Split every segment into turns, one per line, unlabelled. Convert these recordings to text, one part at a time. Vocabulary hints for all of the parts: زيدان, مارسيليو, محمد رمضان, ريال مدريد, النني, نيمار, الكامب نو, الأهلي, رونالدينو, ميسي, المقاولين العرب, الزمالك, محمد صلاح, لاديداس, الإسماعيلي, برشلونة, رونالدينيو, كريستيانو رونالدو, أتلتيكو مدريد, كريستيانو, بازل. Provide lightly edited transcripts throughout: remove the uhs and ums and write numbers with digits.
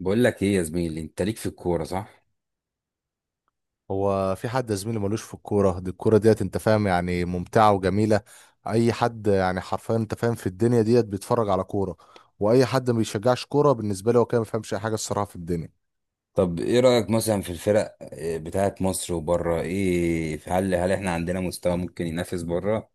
بقول لك ايه يا زميلي، انت ليك في الكوره صح؟
هو في حد يا زميلي ملوش في الكورة دي؟ الكورة ديت انت فاهم يعني ممتعة وجميلة. اي حد يعني حرفيا انت فاهم في الدنيا ديت بيتفرج على كورة. واي حد ما بيشجعش كورة بالنسبة لي هو كده ما بيفهمش اي حاجة الصراحة في الدنيا.
طب ايه رايك مثلا في الفرق بتاعه مصر وبره؟ ايه، هل احنا عندنا مستوى ممكن ينافس بره،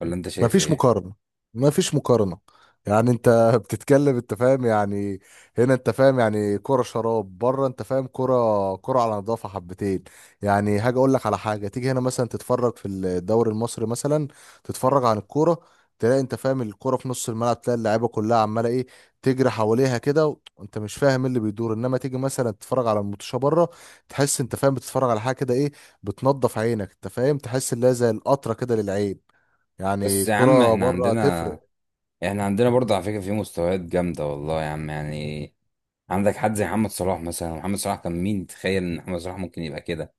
ولا انت
ما
شايف
فيش
ايه؟
مقارنة. ما فيش مقارنة. يعني انت بتتكلم انت فاهم يعني. هنا انت فاهم يعني كرة شراب، بره انت فاهم كرة، كرة على نظافة حبتين. يعني هاجي اقول لك على حاجة، تيجي هنا مثلا تتفرج في الدوري المصري مثلا، تتفرج عن الكورة، تلاقي انت فاهم الكرة في نص الملعب، تلاقي اللعيبة كلها عمالة ايه، تجري حواليها كده وانت مش فاهم ايه اللي بيدور. انما تيجي مثلا تتفرج على الماتشة بره، تحس انت فاهم بتتفرج على حاجة كده ايه، بتنضف عينك انت فاهم، تحس اللي هي زي القطرة كده للعين. يعني
بس يا عم
كرة
احنا
بره
عندنا،
تفرق.
احنا عندنا برضه على فكره في مستويات جامده والله يا عم. يعني عندك حد زي محمد صلاح مثلا، محمد صلاح كان مين؟ تخيل ان محمد صلاح ممكن يبقى كده،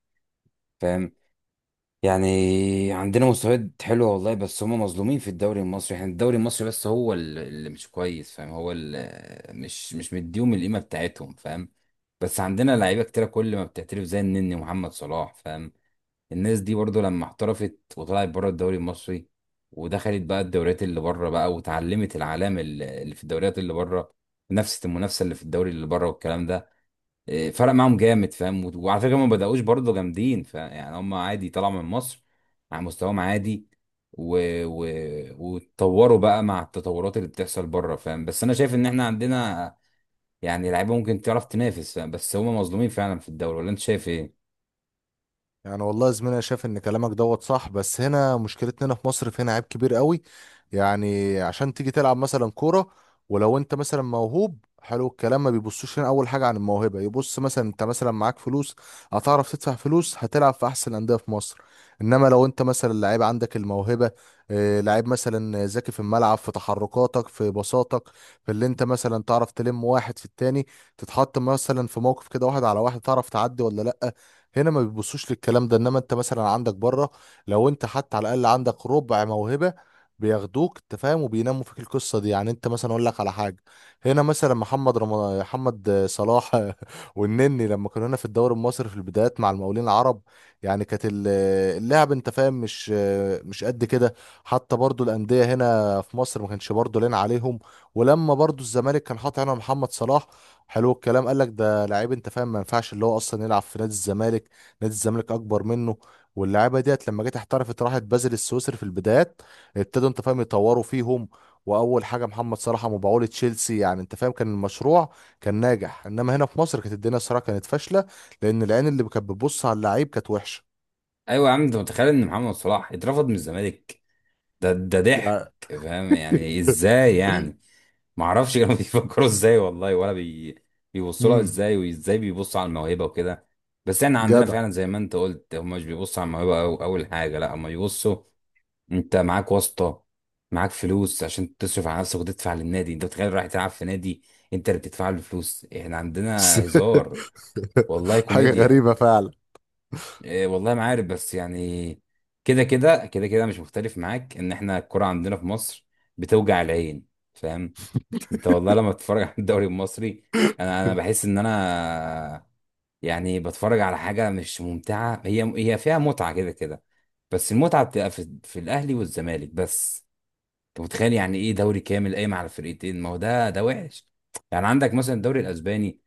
فاهم يعني. عندنا مستويات حلوه والله، بس هم مظلومين في الدوري المصري، يعني الدوري المصري بس هو اللي مش كويس، فاهم؟ هو اللي مش مديهم القيمه بتاعتهم، فاهم؟ بس عندنا لعيبه كتيره كل ما بتعترف زي النني محمد صلاح، فاهم؟ الناس دي برضو لما احترفت وطلعت بره الدوري المصري، ودخلت بقى الدوريات اللي بره بقى، وتعلمت العلام اللي في الدوريات اللي بره، نفس المنافسه اللي في الدوري اللي بره والكلام ده، فرق معاهم جامد، فاهم؟ وعلى فكره هم ما بداوش برضه جامدين، فيعني هم عادي طلعوا من مصر على مستواهم عادي، و... و... واتطوروا بقى مع التطورات اللي بتحصل بره، فاهم؟ بس انا شايف ان احنا عندنا يعني لعيبه ممكن تعرف تنافس، فاهم؟ بس هم مظلومين فعلا في الدوري، ولا انت شايف ايه؟
يعني والله يا زميلي انا شايف ان كلامك دوت صح، بس هنا مشكلتنا هنا في مصر فينا عيب كبير قوي. يعني عشان تيجي تلعب مثلا كوره ولو انت مثلا موهوب حلو الكلام، ما بيبصوش هنا اول حاجه عن الموهبه. يبص مثلا انت مثلا معاك فلوس، هتعرف تدفع فلوس، هتلعب في احسن الانديه في مصر. انما لو انت مثلا لعيب عندك الموهبه، لعيب مثلا ذكي في الملعب، في تحركاتك، في بساطك، في اللي انت مثلا تعرف تلم واحد في التاني، تتحط مثلا في موقف كده واحد على واحد تعرف تعدي ولا لا، هنا ما بيبصوش للكلام ده. انما انت مثلا عندك بره، لو انت حتى على الاقل عندك ربع موهبه، بياخدوك انت فاهم وبيناموا فيك القصه دي. يعني انت مثلا اقول لك على حاجه، هنا مثلا محمد رمضان، محمد صلاح والنني، لما كانوا هنا في الدوري المصري في البدايات مع المقاولين العرب، يعني كانت اللعب انت فاهم مش، مش قد كده. حتى برضو الانديه هنا في مصر ما كانش برضو لنا عليهم. ولما برضو الزمالك كان حاطط هنا محمد صلاح، حلو الكلام قال لك ده لعيب انت فاهم ما ينفعش اللي هو اصلا يلعب في نادي الزمالك، نادي الزمالك اكبر منه. واللعيبه ديت لما جت احترفت، راحت بازل السويسري في البدايات، ابتدوا انت فاهم يطوروا فيهم، واول حاجه محمد صلاح مبيعوه لتشيلسي. يعني انت فاهم كان المشروع كان ناجح، انما هنا في مصر كانت الدنيا الصراحه كانت فاشله، لان العين اللي كانت بتبص على اللعيب كانت وحشه.
ايوه يا عم، انت متخيل ان محمد صلاح اترفض من الزمالك؟ ده ضحك،
يعني
فاهم يعني؟ ازاي يعني؟ ما اعرفش كانوا بيفكروا ازاي والله، بيبصوا لها
امم
ازاي، وازاي بيبصوا على الموهبه وكده. بس احنا عندنا
جدع.
فعلا زي ما انت قلت، هم مش بيبصوا على الموهبه أو اول حاجه، لا هم بيبصوا انت معاك واسطه، معاك فلوس عشان تصرف على نفسك وتدفع للنادي. انت متخيل رايح تلعب في نادي انت اللي بتدفع له فلوس؟ احنا عندنا هزار، والله
حاجه
كوميديا.
غريبه فعلا.
إيه والله ما عارف، بس يعني كده مش مختلف معاك ان احنا الكرة عندنا في مصر بتوجع العين، فاهم؟ انت والله لما بتتفرج على الدوري المصري، انا بحس ان انا يعني بتفرج على حاجه مش ممتعه، هي فيها متعه كده كده، بس المتعه بتبقى في الاهلي والزمالك بس. انت متخيل يعني ايه دوري كامل قايم على فرقتين؟ ما هو ده وحش. يعني عندك مثلا الدوري الاسباني،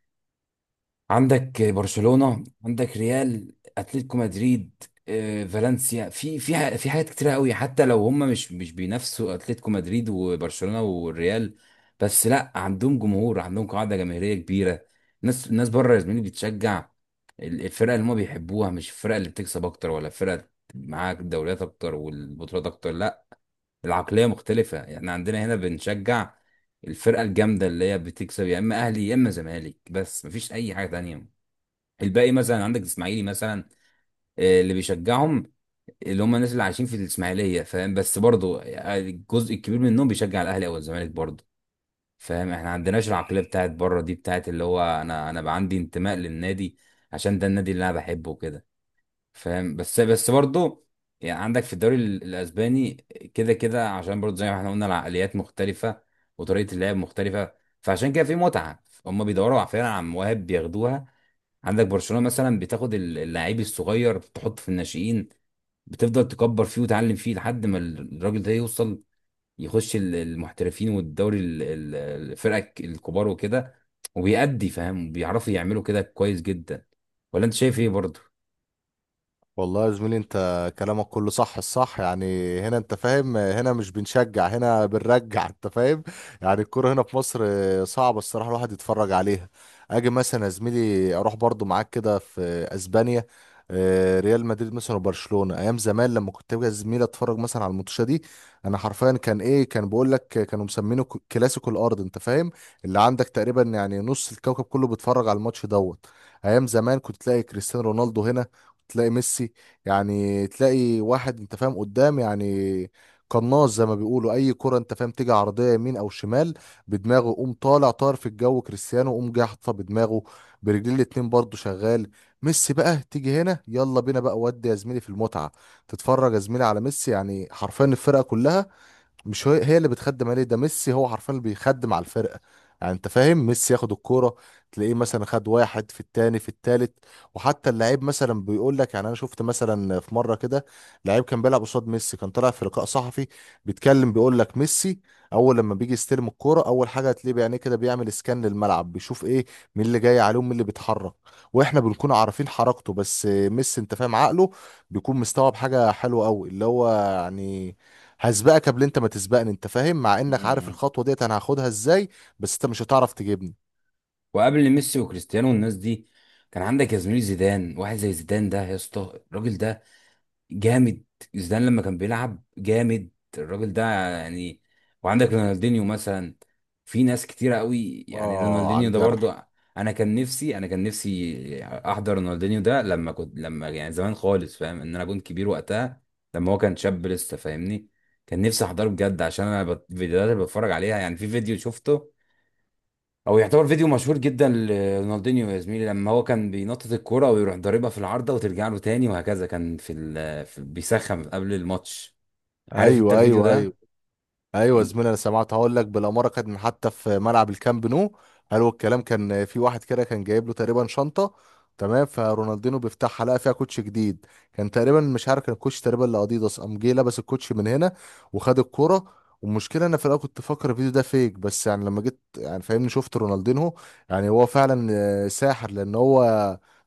عندك برشلونة، عندك ريال، اتلتيكو مدريد، فالنسيا، في حاجات كتيرة قوي، حتى لو هم مش بينافسوا اتلتيكو مدريد وبرشلونة والريال، بس لا، عندهم جمهور، عندهم قاعدة جماهيرية كبيرة. الناس بره يا زميلي بتشجع الفرقة اللي هم بيحبوها، مش الفرقة اللي بتكسب اكتر، ولا الفرقة معاك الدوريات اكتر والبطولات اكتر، لا. العقلية مختلفة. احنا عندنا هنا بنشجع الفرقة الجامدة اللي هي بتكسب، يا اما اهلي يا اما زمالك، بس مفيش اي حاجة تانية. الباقي مثلا عندك الاسماعيلي مثلا، اللي بيشجعهم اللي هم الناس اللي عايشين في الاسماعيليه، فاهم؟ بس برضه الجزء الكبير منهم بيشجع الاهلي او الزمالك برضه، فاهم؟ احنا ما عندناش العقليه بتاعت بره دي، بتاعت اللي هو انا، بقى عندي انتماء للنادي عشان ده النادي اللي انا بحبه وكده، فاهم؟ بس برضه يعني عندك في الدوري الاسباني كده كده، عشان برضه زي ما احنا قلنا العقليات مختلفه وطريقه اللعب مختلفه، فعشان كده في متعه. هم بيدوروا فعلا على مواهب بياخدوها. عندك برشلونة مثلا بتاخد اللعيب الصغير تحطه في الناشئين، بتفضل تكبر فيه وتعلم فيه لحد ما الراجل ده يوصل يخش المحترفين والدوري الفرق الكبار وكده وبيأدي، فاهم؟ بيعرفوا يعملوا كده كويس جدا، ولا انت شايف ايه برضه؟
والله يا زميلي انت كلامك كله صح، الصح يعني هنا انت فاهم، هنا مش بنشجع، هنا بنرجع انت فاهم. يعني الكوره هنا في مصر صعبة الصراحة الواحد يتفرج عليها. اجي مثلا يا زميلي اروح برضو معاك كده في اسبانيا، اه، ريال مدريد مثلا وبرشلونة، ايام زمان لما كنت باجي يا زميلي اتفرج مثلا على الماتشات دي، انا حرفيا كان ايه كان بقول لك كانوا مسمينه كلاسيكو الارض انت فاهم، اللي عندك تقريبا يعني نص الكوكب كله بيتفرج على الماتش دوت. ايام زمان كنت تلاقي كريستيانو رونالدو هنا، تلاقي ميسي، يعني تلاقي واحد انت فاهم قدام، يعني قناص زي ما بيقولوا، اي كرة انت فاهم تيجي عرضية يمين او شمال بدماغه يقوم طالع طار في الجو كريستيانو يقوم جاي حاططها بدماغه، برجلين الاتنين برضه شغال. ميسي بقى تيجي هنا يلا بينا بقى، ودي يا زميلي في المتعة. تتفرج يا زميلي على ميسي يعني حرفيا الفرقة كلها مش هي اللي بتخدم عليه، ده ميسي هو حرفيا اللي بيخدم على الفرقه. يعني انت فاهم ميسي ياخد الكوره، تلاقيه مثلا خد واحد في التاني في التالت. وحتى اللعيب مثلا بيقول لك، يعني انا شفت مثلا في مره كده لعيب كان بيلعب قصاد ميسي، كان طالع في لقاء صحفي بيتكلم، بيقول لك ميسي اول لما بيجي يستلم الكوره اول حاجه هتلاقيه بعينيه كده بيعمل اسكان للملعب، بيشوف ايه، مين اللي جاي عليهم، مين اللي بيتحرك. واحنا بنكون عارفين حركته، بس ميسي انت فاهم عقله بيكون مستوعب حاجه حلوه قوي، اللي هو يعني هسبقك قبل انت ما تسبقني انت فاهم، مع انك عارف
مم.
الخطوه ديت انا هاخدها ازاي، بس انت مش هتعرف تجيبني.
وقبل ميسي وكريستيانو والناس دي، كان عندك يا زميلي زيدان. واحد زي زيدان ده يا اسطى، الراجل ده جامد. زيدان لما كان بيلعب جامد الراجل ده يعني. وعندك رونالدينيو مثلا، في ناس كتيرة قوي يعني،
اه، على
رونالدينيو ده
الجرح.
برضه. انا كان نفسي احضر رونالدينيو ده، لما كنت لما يعني زمان خالص، فاهم ان انا كنت كبير وقتها لما هو كان شاب لسه، فاهمني؟ كان نفسي احضره بجد، عشان انا الفيديوهات اللي بتفرج عليها، يعني في فيديو شفته او يعتبر فيديو مشهور جدا لرونالدينيو يا زميلي، لما هو كان بينطط الكوره ويروح ضاربها في العارضه وترجع له تاني وهكذا، كان في بيسخن قبل الماتش. عارف انت
ايوه،
الفيديو
ايوه، ايوه.
ده؟
ايوه يا
إن-
زميلي انا سمعت، هقول لك بالاماره كانت من حتى في ملعب الكامب نو. قالوا الكلام كان في واحد كده كان جايب له تقريبا شنطه، تمام، فرونالدينو بيفتحها لقى فيها كوتش جديد. كان تقريبا مش عارف كان الكوتش تقريبا لاديداس، قام جه لبس الكوتش من هنا وخد الكوره. والمشكله انا في الاول كنت فاكر الفيديو ده فيك، بس يعني لما جيت يعني فاهمني شفت رونالدينو، يعني هو فعلا ساحر، لان هو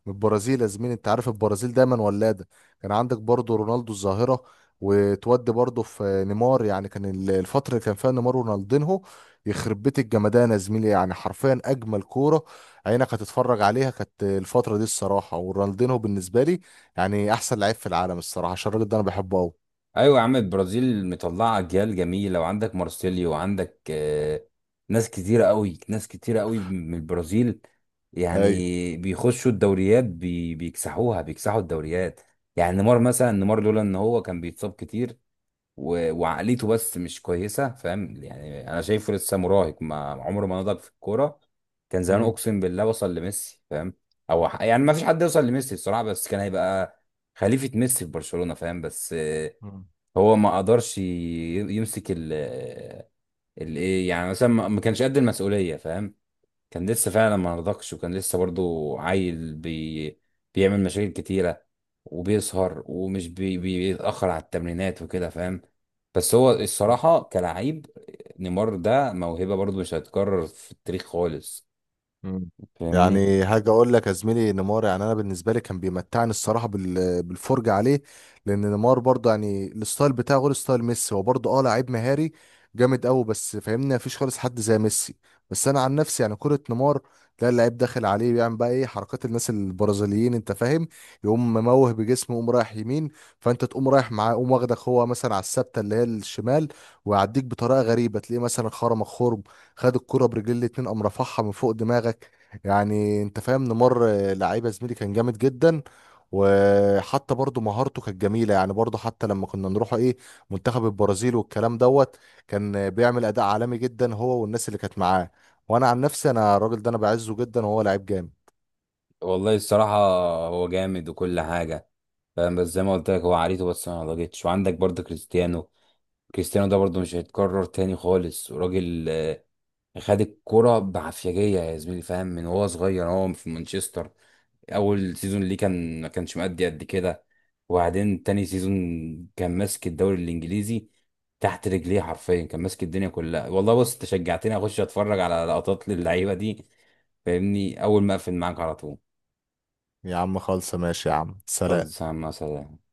من البرازيل يا زميلي، انت عارف البرازيل دايما ولاده. كان عندك برضه رونالدو الظاهره، وتودي برضه في نيمار. يعني كان الفترة اللي كان فيها نيمار ورونالدينهو، يخرب بيت الجمدان يا زميلي، يعني حرفيا أجمل كورة عينك هتتفرج عليها كانت الفترة دي الصراحة. ورونالدينهو بالنسبة لي يعني أحسن لعيب في العالم الصراحة، عشان الراجل ده أنا بحبه أوي.
ايوه يا عم، البرازيل مطلعه اجيال جميله، وعندك مارسيليو، وعندك ناس كتيره قوي، ناس كتيره قوي من البرازيل. يعني
أيوه.
بيخشوا الدوريات بيكسحوها، بيكسحوا الدوريات. يعني نيمار مثلا، نيمار لولا ان هو كان بيتصاب كتير وعقليته بس مش كويسه، فاهم يعني؟ انا شايفه لسه مراهق، ما عمره ما نضج في الكوره، كان زمان
مم.
اقسم بالله وصل لميسي، فاهم؟ او يعني ما فيش حد يوصل لميسي بصراحه، بس كان هيبقى خليفه ميسي في برشلونه، فاهم؟ بس هو ما قدرش يمسك ال الايه، يعني مثلا ما كانش قد المسؤوليه، فاهم؟ كان لسه فعلا ما نضجش، وكان لسه برضو عيل بيعمل مشاكل كتيرة، وبيسهر ومش بيتأخر على التمرينات وكده، فاهم؟ بس هو
مم.
الصراحة كلاعب، نيمار ده موهبة برضو مش هتتكرر في التاريخ خالص،
مم.
فاهمني؟
يعني هاجي اقول لك يا زميلي نيمار يعني انا بالنسبه لي كان بيمتعني الصراحه بالفرجه عليه، لان نيمار برضه يعني الستايل بتاعه غير ستايل ميسي، هو برضه اه لعيب مهاري جامد قوي، بس فاهمني مفيش خالص حد زي ميسي. بس انا عن نفسي يعني كره نيمار، تلاقي اللعيب داخل عليه بيعمل بقى ايه حركات الناس البرازيليين انت فاهم، يقوم مموه بجسمه يقوم رايح يمين فانت تقوم رايح معاه، يقوم واخدك هو مثلا على الثابته اللي هي الشمال، ويعديك بطريقه غريبه. تلاقيه مثلا خرمك خرم، خد الكرة برجل الاتنين قام رفعها من فوق دماغك. يعني انت فاهم نمر لعيبة زميلي كان جامد جدا. وحتى برضو مهارته كانت جميلة، يعني برضو حتى لما كنا نروح ايه منتخب البرازيل والكلام دوت، كان بيعمل أداء عالمي جدا هو والناس اللي كانت معاه. وانا عن نفسي انا الراجل ده انا بعزه جدا، وهو لعيب جامد.
والله الصراحة هو جامد وكل حاجة، فاهم؟ بس زي ما قلت لك هو عريته بس ما نضجتش. وعندك برضو كريستيانو. كريستيانو ده برضو مش هيتكرر تاني خالص. وراجل خد الكرة بعفيجية يا زميلي، فاهم؟ من وهو صغير هو في مانشستر، أول سيزون ليه كان ما كانش مأدي قد كده، وبعدين تاني سيزون كان ماسك الدوري الإنجليزي تحت رجليه حرفيا، كان ماسك الدنيا كلها والله. بص، أنت شجعتني أخش أتفرج على لقطات للعيبة دي، فاهمني؟ أول ما أقفل معاك على طول.
يا عم خالصة، ماشي يا عم، سلام.
خلاص يا عم، سلام.